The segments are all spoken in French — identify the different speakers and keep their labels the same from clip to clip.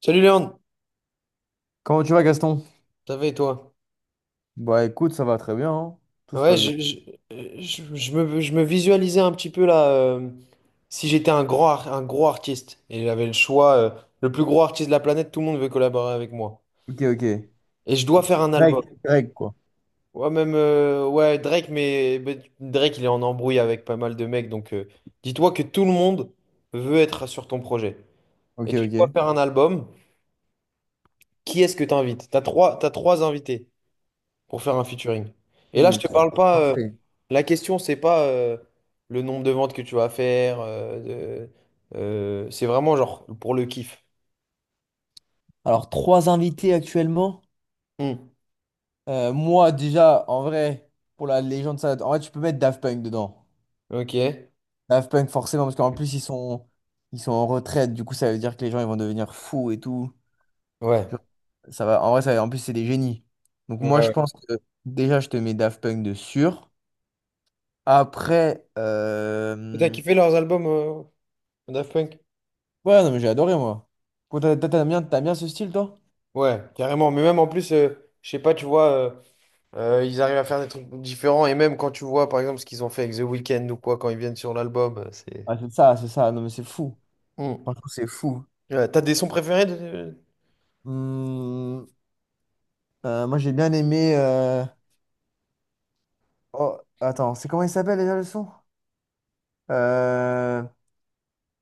Speaker 1: Salut Léon,
Speaker 2: Comment tu vas, Gaston?
Speaker 1: ça va et toi?
Speaker 2: Bah écoute, ça va très bien, hein. Tout se
Speaker 1: Ouais,
Speaker 2: passe bien.
Speaker 1: je, je, je- je me, je me visualisais un petit peu là, si j'étais un grand, un gros artiste et j'avais le choix, le plus gros artiste de la planète, tout le monde veut collaborer avec moi.
Speaker 2: Ok, ok.
Speaker 1: Et je dois faire un album.
Speaker 2: Greg, Greg, quoi.
Speaker 1: Ouais, même, ouais, Drake, mais Drake, il est en embrouille avec pas mal de mecs, donc dis-toi que tout le monde veut être sur ton projet.
Speaker 2: Ok,
Speaker 1: Et tu dois
Speaker 2: ok.
Speaker 1: faire un album, qui est-ce que t'invites? T'as trois invités pour faire un featuring. Et là, je
Speaker 2: Ouh,
Speaker 1: te
Speaker 2: trop
Speaker 1: parle pas.
Speaker 2: parfait.
Speaker 1: La question, c'est pas le nombre de ventes que tu vas faire. C'est vraiment genre pour le kiff.
Speaker 2: Alors, trois invités actuellement.
Speaker 1: Hmm.
Speaker 2: Moi, déjà, en vrai, pour la légende, ça... En vrai, tu peux mettre Daft Punk dedans.
Speaker 1: Ok. Ouais.
Speaker 2: Daft Punk, forcément, parce qu'en plus, ils sont en retraite. Du coup, ça veut dire que les gens, ils vont devenir fous et tout. Genre,
Speaker 1: Ouais.
Speaker 2: ça va... En vrai, en plus, c'est des génies. Donc, moi, je
Speaker 1: Ouais.
Speaker 2: pense que déjà, je te mets Daft Punk de sûr. Après,
Speaker 1: Et t'as kiffé leurs albums, Daft Punk?
Speaker 2: ouais, non, mais j'ai adoré, moi. Toi, t'aimes bien, t'aimes bien ce style, toi?
Speaker 1: Ouais, carrément. Mais même en plus, je sais pas, tu vois, ils arrivent à faire des trucs différents. Et même quand tu vois, par exemple, ce qu'ils ont fait avec The Weeknd ou quoi, quand ils viennent sur l'album, c'est.
Speaker 2: Ah, c'est ça, c'est ça. Non, mais c'est fou.
Speaker 1: Hmm.
Speaker 2: Franchement, c'est fou.
Speaker 1: Ouais, t'as des sons préférés de
Speaker 2: Hmm, moi, j'ai bien aimé. Oh, attends, c'est comment il s'appelle déjà le son? Euh...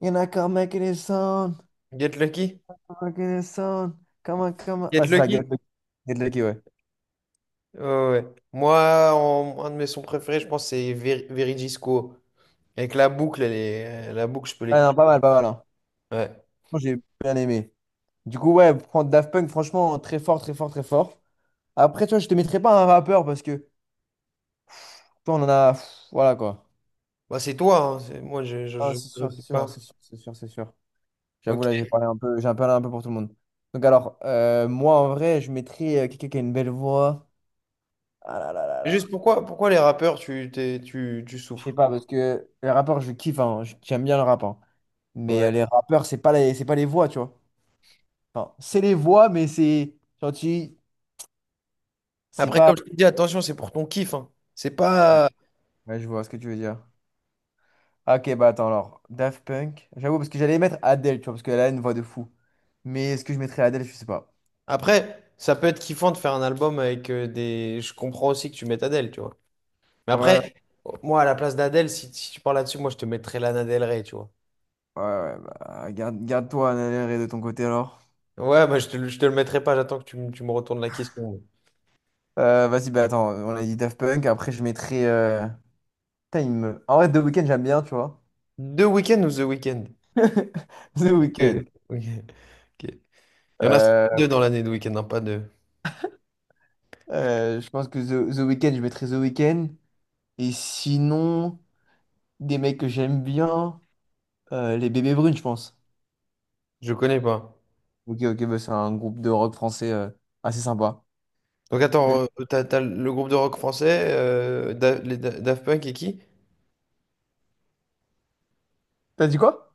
Speaker 2: You're not gonna make it a sound.
Speaker 1: Get Lucky?
Speaker 2: Come on, sound. Come on, come on. Ouais,
Speaker 1: Get
Speaker 2: c'est ça,
Speaker 1: Lucky?
Speaker 2: Get Lucky. Get Lucky, ouais.
Speaker 1: Ouais, ouais. Ouais. Moi, un de mes sons préférés, je pense, c'est Verigisco. Avec la boucle, je peux
Speaker 2: Ah,
Speaker 1: l'écouter.
Speaker 2: non, pas mal, pas mal, hein.
Speaker 1: Ouais.
Speaker 2: Moi, j'ai bien aimé. Du coup, ouais, prendre Daft Punk, franchement, très fort, très fort, très fort. Après, tu vois, je te mettrai pas un rappeur parce que, toi, on en a, pff, voilà, quoi.
Speaker 1: Bah, c'est toi, hein. Moi, je, je,
Speaker 2: Ah,
Speaker 1: je,
Speaker 2: c'est
Speaker 1: je
Speaker 2: sûr, c'est
Speaker 1: sais
Speaker 2: sûr,
Speaker 1: pas.
Speaker 2: c'est sûr, c'est sûr, c'est sûr. J'avoue,
Speaker 1: Ok.
Speaker 2: là, j'ai parlé un peu pour tout le monde. Donc, alors, moi, en vrai, je mettrais quelqu'un qui a une belle voix. Ah là là là là, là.
Speaker 1: Juste pourquoi les rappeurs, tu
Speaker 2: Je sais
Speaker 1: souffles?
Speaker 2: pas, parce que les rappeurs, je kiffe, hein, j'aime bien le rap, hein. Mais
Speaker 1: Ouais.
Speaker 2: les rappeurs, c'est pas les voix, tu vois. Enfin, c'est les voix, mais c'est. Genre, tu- C'est
Speaker 1: Après,
Speaker 2: pas.
Speaker 1: comme je te dis, attention, c'est pour ton kiff, hein. C'est
Speaker 2: Ouais,
Speaker 1: pas.
Speaker 2: ouais, je vois ce que tu veux dire. Ah, ok, bah attends, alors. Daft Punk. J'avoue, parce que j'allais mettre Adele, tu vois, parce qu'elle a une voix de fou. Mais est-ce que je mettrais Adele, je sais pas.
Speaker 1: Après, ça peut être kiffant de faire un album avec des. Je comprends aussi que tu mettes Adèle, tu vois. Mais
Speaker 2: Ouais.
Speaker 1: après, moi, à la place d'Adèle, si tu parles là-dessus, moi, je te mettrais Lana Del Rey, tu vois.
Speaker 2: Ouais, ouais, bah, garde, garde-toi un aller de ton côté alors.
Speaker 1: Ouais, bah, je te le mettrai pas, j'attends que tu me retournes la question.
Speaker 2: Vas-y, bah attends, on a dit Daft Punk, après je mettrai, putain, en vrai, The Weeknd, j'aime bien, tu vois.
Speaker 1: Deux week-ends ou The Weeknd?
Speaker 2: The
Speaker 1: Euh,
Speaker 2: Weeknd.
Speaker 1: ok, ok. Il y en a
Speaker 2: Euh,
Speaker 1: deux dans l'année de Weeknd, hein, pas deux.
Speaker 2: je pense que The Weeknd, je mettrai The Weeknd. Et sinon, des mecs que j'aime bien, les Bébés Brunes, je pense.
Speaker 1: Je connais pas.
Speaker 2: Ok, ok, bah, c'est un groupe de rock français assez sympa.
Speaker 1: Donc attends,
Speaker 2: Mais-
Speaker 1: t'as le groupe de rock français, Daft Punk et qui?
Speaker 2: T'as dit quoi?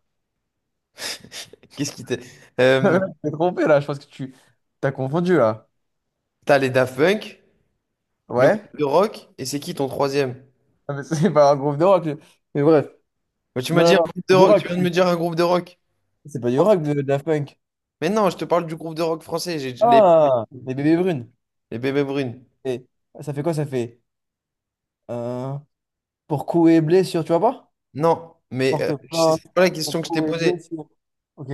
Speaker 1: Qu'est-ce qui t'est?
Speaker 2: Je
Speaker 1: Euh,
Speaker 2: t'ai trompé là, je pense que tu t'as confondu là.
Speaker 1: T'as les Daft Punk, le
Speaker 2: Ouais?
Speaker 1: groupe de rock, et c'est qui ton troisième?
Speaker 2: Ah, mais c'est pas un groupe de rock. Mais bref.
Speaker 1: Bah, tu m'as
Speaker 2: Non, non,
Speaker 1: dit un
Speaker 2: non,
Speaker 1: groupe de
Speaker 2: c'est du
Speaker 1: rock,
Speaker 2: rock.
Speaker 1: tu viens de me dire un groupe de rock.
Speaker 2: C'est pas du rock, de Daft Punk.
Speaker 1: Mais non, je te parle du groupe de rock français, j'ai les,
Speaker 2: Ah, les bébés brunes.
Speaker 1: les Bébés Brunes.
Speaker 2: Et ça fait quoi? Ça fait euh, pour coups et blessure, tu vois pas?
Speaker 1: Non, mais
Speaker 2: Porte
Speaker 1: c'est
Speaker 2: plainte
Speaker 1: pas la
Speaker 2: pour
Speaker 1: question que je t'ai
Speaker 2: coups et
Speaker 1: posée.
Speaker 2: blessure. Ok.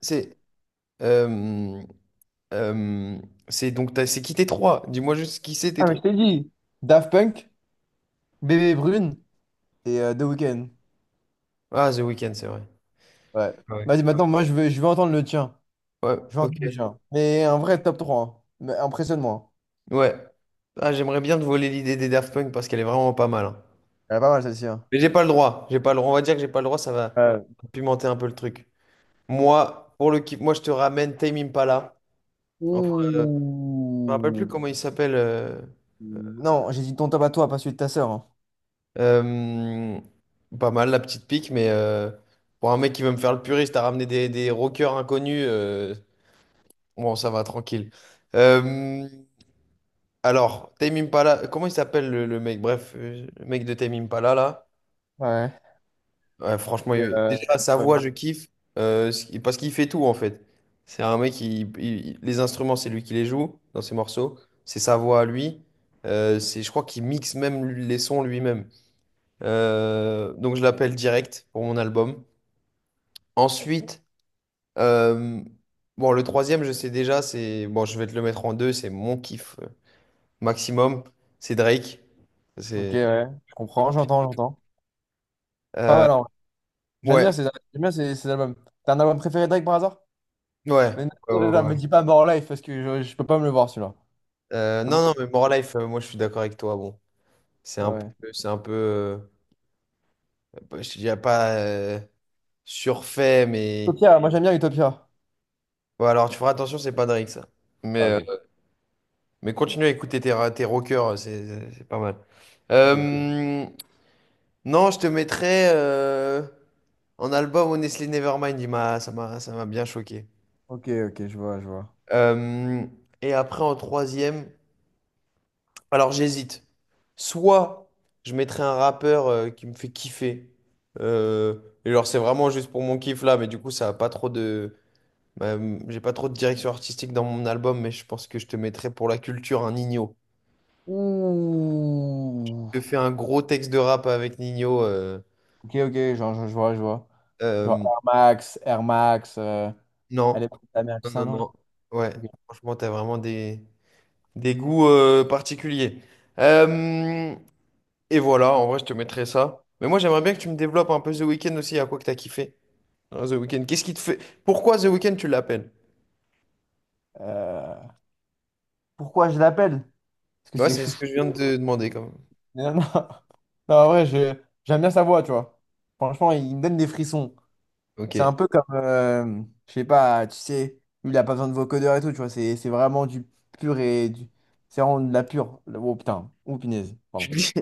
Speaker 1: C'est Euh, euh, c'est qui tes trois? Dis-moi juste qui c'est tes
Speaker 2: Ah, mais je
Speaker 1: trois.
Speaker 2: t'ai dit. Daft Punk, bébé brune et The Weeknd.
Speaker 1: Ah, The Weeknd, c'est vrai.
Speaker 2: Ouais.
Speaker 1: Ouais.
Speaker 2: Vas-y, maintenant, moi, je veux entendre le tien.
Speaker 1: Ouais,
Speaker 2: Je veux
Speaker 1: ok.
Speaker 2: entendre le tien. Mais un vrai top trois, hein. Mais impressionne-moi.
Speaker 1: Ouais. Ah, j'aimerais bien te voler l'idée des Daft Punk parce qu'elle est vraiment pas mal, hein.
Speaker 2: Elle est pas mal, celle-ci, hein.
Speaker 1: Mais j'ai pas le droit. J'ai pas le droit. On va dire que j'ai pas le droit, ça va
Speaker 2: Euh,
Speaker 1: pimenter un peu le truc. Moi, pour le kiff, moi je te ramène Tame Impala. Enfin, je me rappelle plus
Speaker 2: ouh.
Speaker 1: comment il s'appelle.
Speaker 2: Non, j'ai dit ton top à toi, pas celui de ta sœur, hein.
Speaker 1: Euh, Pas mal la petite pique, mais pour un mec qui veut me faire le puriste, t'as ramené des rockers inconnus. Bon, ça va, tranquille. Euh, alors, Tame Impala, comment il s'appelle le mec? Bref, le mec de Tame Impala, là.
Speaker 2: Ouais.
Speaker 1: Ouais, franchement,
Speaker 2: Et,
Speaker 1: déjà, sa
Speaker 2: ouais.
Speaker 1: voix, je kiffe. Parce qu'il fait tout, en fait. C'est un mec, qui les instruments, c'est lui qui les joue dans ses morceaux. C'est sa voix à lui. C'est, je crois qu'il mixe même les sons lui-même. Donc, je l'appelle direct pour mon album. Ensuite, euh, bon, le troisième, je sais déjà, c'est... Bon, je vais te le mettre en deux, c'est mon kiff, maximum, c'est Drake.
Speaker 2: Ok,
Speaker 1: C'est
Speaker 2: ouais, je comprends, j'entends, j'entends. Pas
Speaker 1: euh,
Speaker 2: mal, en vrai.
Speaker 1: ouais,
Speaker 2: J'aime bien ces, ces albums. T'as un album préféré de Drake par hasard?
Speaker 1: ouais,
Speaker 2: Mais non,
Speaker 1: ouais,
Speaker 2: non,
Speaker 1: ouais,
Speaker 2: non, me
Speaker 1: ouais.
Speaker 2: dis pas More Life parce que je peux pas me le voir celui-là. Je peux
Speaker 1: Non,
Speaker 2: pas.
Speaker 1: non, mais More Life, moi je suis d'accord avec toi. Bon, c'est un peu,
Speaker 2: Ouais.
Speaker 1: c'est un peu, je dirais pas surfait, mais
Speaker 2: Utopia, moi j'aime bien Utopia.
Speaker 1: bon, alors tu feras attention, c'est pas Drake ça. Mais,
Speaker 2: Ah, ok.
Speaker 1: euh, mais continue à écouter tes rockers, c'est pas mal.
Speaker 2: Ok,
Speaker 1: Euh, non, je te mettrais en album Honestly Nevermind, ça m'a bien choqué.
Speaker 2: ok, ok, je vois, je vois.
Speaker 1: Euh, et après en troisième. Alors j'hésite. Soit je mettrais un rappeur qui me fait kiffer. Euh, et genre c'est vraiment juste pour mon kiff là, mais du coup ça a pas trop de... Bah, j'ai pas trop de direction artistique dans mon album, mais je pense que je te mettrais pour la culture un Nino.
Speaker 2: Ouh.
Speaker 1: Je te fais un gros texte de rap avec Nino.
Speaker 2: Ok, ok, genre, je vois, je vois. Genre
Speaker 1: Euh,
Speaker 2: Air Max, Air Max, elle
Speaker 1: non,
Speaker 2: est ta mère, tout
Speaker 1: non,
Speaker 2: ça,
Speaker 1: non,
Speaker 2: non?
Speaker 1: non. Ouais,
Speaker 2: Ok.
Speaker 1: franchement t'as vraiment des goûts particuliers. Euh, et voilà, en vrai je te mettrais ça. Mais moi j'aimerais bien que tu me développes un peu The Weeknd aussi, à quoi que t'as kiffé. Ah, The Weeknd, qu'est-ce qui te fait... Pourquoi The Weeknd tu l'appelles?
Speaker 2: Euh, pourquoi je l'appelle? Parce que
Speaker 1: Ouais,
Speaker 2: c'est les
Speaker 1: c'est ce
Speaker 2: chouchous.
Speaker 1: que je viens de te demander quand même.
Speaker 2: Mais non, non. Non, en vrai, j'aime bien sa voix, tu vois. Franchement, il me donne des frissons. C'est
Speaker 1: Ok.
Speaker 2: un peu comme, je sais pas, tu sais, lui, il a pas besoin de vocodeur et tout, tu vois. C'est vraiment du pur et du... C'est vraiment de la pure. Oh putain, oh punaise,
Speaker 1: Tu
Speaker 2: pardon.
Speaker 1: te dis-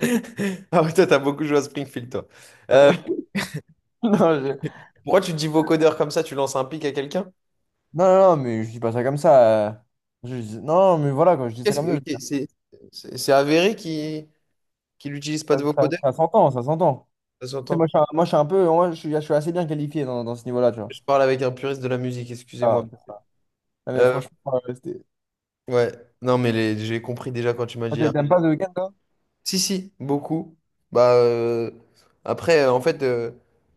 Speaker 1: Ah ouais, toi, t'as beaucoup joué à Springfield, toi.
Speaker 2: Ouais.
Speaker 1: Euh, tu-
Speaker 2: Non, je-
Speaker 1: Pourquoi tu te dis vocodeur comme ça, tu lances un pic à quelqu'un?
Speaker 2: non, non, non, mais je dis pas ça comme ça, Je dis- Non, mais voilà, quand je dis ça comme ça,
Speaker 1: Ok, c'est c'est avéré qu'il n'utilise pas
Speaker 2: veux
Speaker 1: de
Speaker 2: dire,
Speaker 1: vocodeur,
Speaker 2: ça s'entend, ça s'entend.
Speaker 1: ça
Speaker 2: Tu sais,
Speaker 1: s'entend.
Speaker 2: moi, je suis un, moi, je suis un peu, moi, je suis assez bien qualifié dans, dans ce niveau-là, tu vois.
Speaker 1: Je parle avec un puriste de la musique,
Speaker 2: Ah,
Speaker 1: excusez-moi.
Speaker 2: ok. Non, mais
Speaker 1: Euh,
Speaker 2: franchement, c'était...
Speaker 1: ouais, non mais j'ai compris déjà quand tu m'as dit...
Speaker 2: Moi, t'aimes pas The Weeknd, toi?
Speaker 1: Si, si, beaucoup. Bah, après, en fait,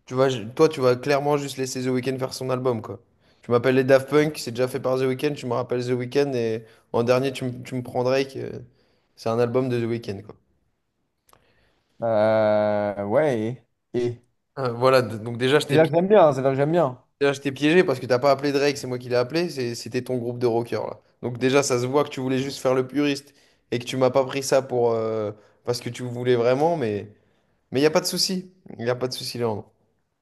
Speaker 1: tu vas, toi, tu vas clairement juste laisser The Weeknd faire son album, quoi. Tu m'appelles les Daft Punk, c'est déjà fait par The Weeknd, tu me rappelles The Weeknd, et en dernier, tu me prends Drake. C'est un album de The Weeknd, quoi.
Speaker 2: Ouais, et-
Speaker 1: Voilà, donc déjà,
Speaker 2: C'est-à-dire que j'aime bien, c'est-à-dire que j'aime bien.
Speaker 1: déjà, je t'ai piégé parce que t'as pas appelé Drake, c'est moi qui l'ai appelé, c'était ton groupe de rockers, là. Donc déjà, ça se voit que tu voulais juste faire le puriste et que tu m'as pas pris ça pour, parce que tu voulais vraiment, mais n'y a pas de souci. Il n'y a pas de souci,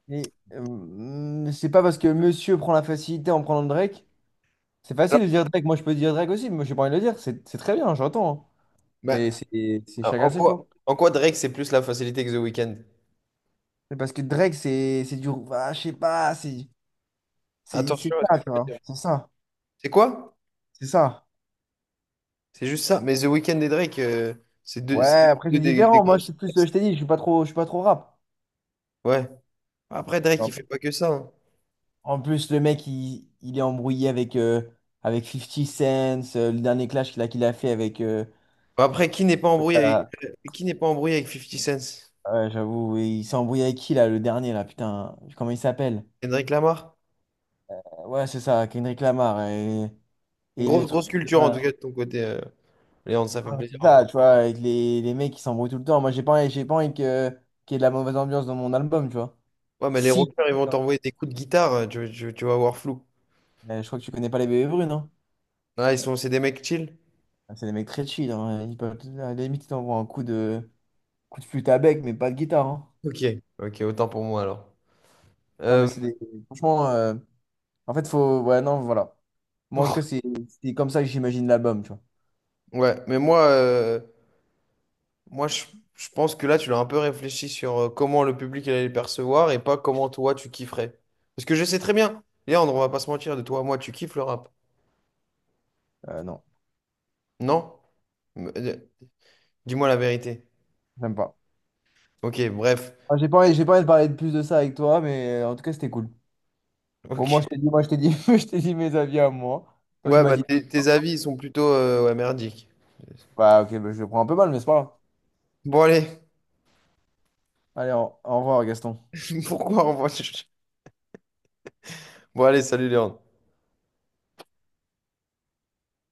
Speaker 2: Mais c'est pas parce que monsieur prend la facilité en prenant Drake. C'est facile de dire Drake, moi je peux dire Drake aussi, mais moi j'ai pas envie de le dire. C'est très bien, j'entends, hein.
Speaker 1: là.
Speaker 2: Mais c'est
Speaker 1: Ah, En
Speaker 2: chacun ses choix.
Speaker 1: quoi, en quoi Drake, c'est plus la facilité que The Weeknd?
Speaker 2: C'est parce que Drake, c'est du. Ah, je sais pas, c'est
Speaker 1: Attention à ce que
Speaker 2: ça,
Speaker 1: tu
Speaker 2: tu
Speaker 1: veux
Speaker 2: vois.
Speaker 1: dire.
Speaker 2: C'est ça,
Speaker 1: C'est quoi?
Speaker 2: c'est ça.
Speaker 1: C'est juste ça. Mais The Weeknd et Drake, c'est deux,
Speaker 2: Ouais,
Speaker 1: c'est
Speaker 2: après
Speaker 1: deux
Speaker 2: c'est
Speaker 1: des
Speaker 2: différent. Moi je
Speaker 1: grosses
Speaker 2: suis plus, je
Speaker 1: superstars.
Speaker 2: t'ai dit, je suis pas trop rap.
Speaker 1: Ouais. Après, Drake, il fait pas que ça, hein.
Speaker 2: En plus, le mec, il est embrouillé avec, avec Fifty Cent, le dernier clash qu'il a fait avec...
Speaker 1: Bah, après,
Speaker 2: Ah,
Speaker 1: qui n'est pas embrouillé avec Fifty Cent?
Speaker 2: ouais, j'avoue, oui, il s'est embrouillé avec qui, là, le dernier, là, putain, comment il s'appelle?
Speaker 1: Kendrick Lamar?
Speaker 2: Ouais, c'est ça, Kendrick Lamar. Et le
Speaker 1: Grosse,
Speaker 2: truc...
Speaker 1: grosse
Speaker 2: de-
Speaker 1: culture, en tout cas, de ton côté, Léandre, ça fait
Speaker 2: Ouais,
Speaker 1: plaisir
Speaker 2: c'est
Speaker 1: à voir.
Speaker 2: ça, tu vois, avec les mecs qui s'embrouillent tout le temps. Moi, j'ai pas envie que, qu'il y ait de la mauvaise ambiance dans mon album, tu vois.
Speaker 1: Ouais, mais les
Speaker 2: Si.
Speaker 1: rockers, ils vont t'envoyer des coups de guitare, tu vas voir flou.
Speaker 2: Je crois que tu connais pas les bébés brunes, non?
Speaker 1: Ah, c'est des mecs chill?
Speaker 2: C'est des mecs très chill, hein. Ils peuvent, à la limite, ils t'envoient coup de flûte à bec, mais pas de guitare, hein.
Speaker 1: Ok. Ok, autant pour moi, alors.
Speaker 2: Non, mais
Speaker 1: Euh,
Speaker 2: c'est des- Franchement, en fait, faut. Ouais, non, voilà. Moi, en tout cas, c'est comme ça que j'imagine l'album, tu vois.
Speaker 1: Ouais, mais moi, moi, je pense que là, tu l'as un peu réfléchi sur comment le public allait le percevoir et pas comment toi, tu kifferais. Parce que je sais très bien, Léandre, on va pas se mentir, de toi à moi, tu kiffes le rap.
Speaker 2: Non,
Speaker 1: Non? Mais, dis-moi la vérité.
Speaker 2: j'aime pas.
Speaker 1: Ok, bref.
Speaker 2: Ah, j'ai pas envie de parler de plus de ça avec toi, mais en tout cas, c'était cool. Bon,
Speaker 1: Ok.
Speaker 2: moi, je t'ai dit, je t'ai dit mes avis à moi. Toi, tu
Speaker 1: Ouais,
Speaker 2: m'as
Speaker 1: bah
Speaker 2: dit.
Speaker 1: tes
Speaker 2: Hein.
Speaker 1: avis ils sont plutôt ouais, merdiques.
Speaker 2: Bah, ok, bah, je le prends un peu mal, mais c'est pas grave.
Speaker 1: Bon, allez,
Speaker 2: Allez, au revoir, Gaston.
Speaker 1: pourquoi on va... Bon, allez, salut Léandre.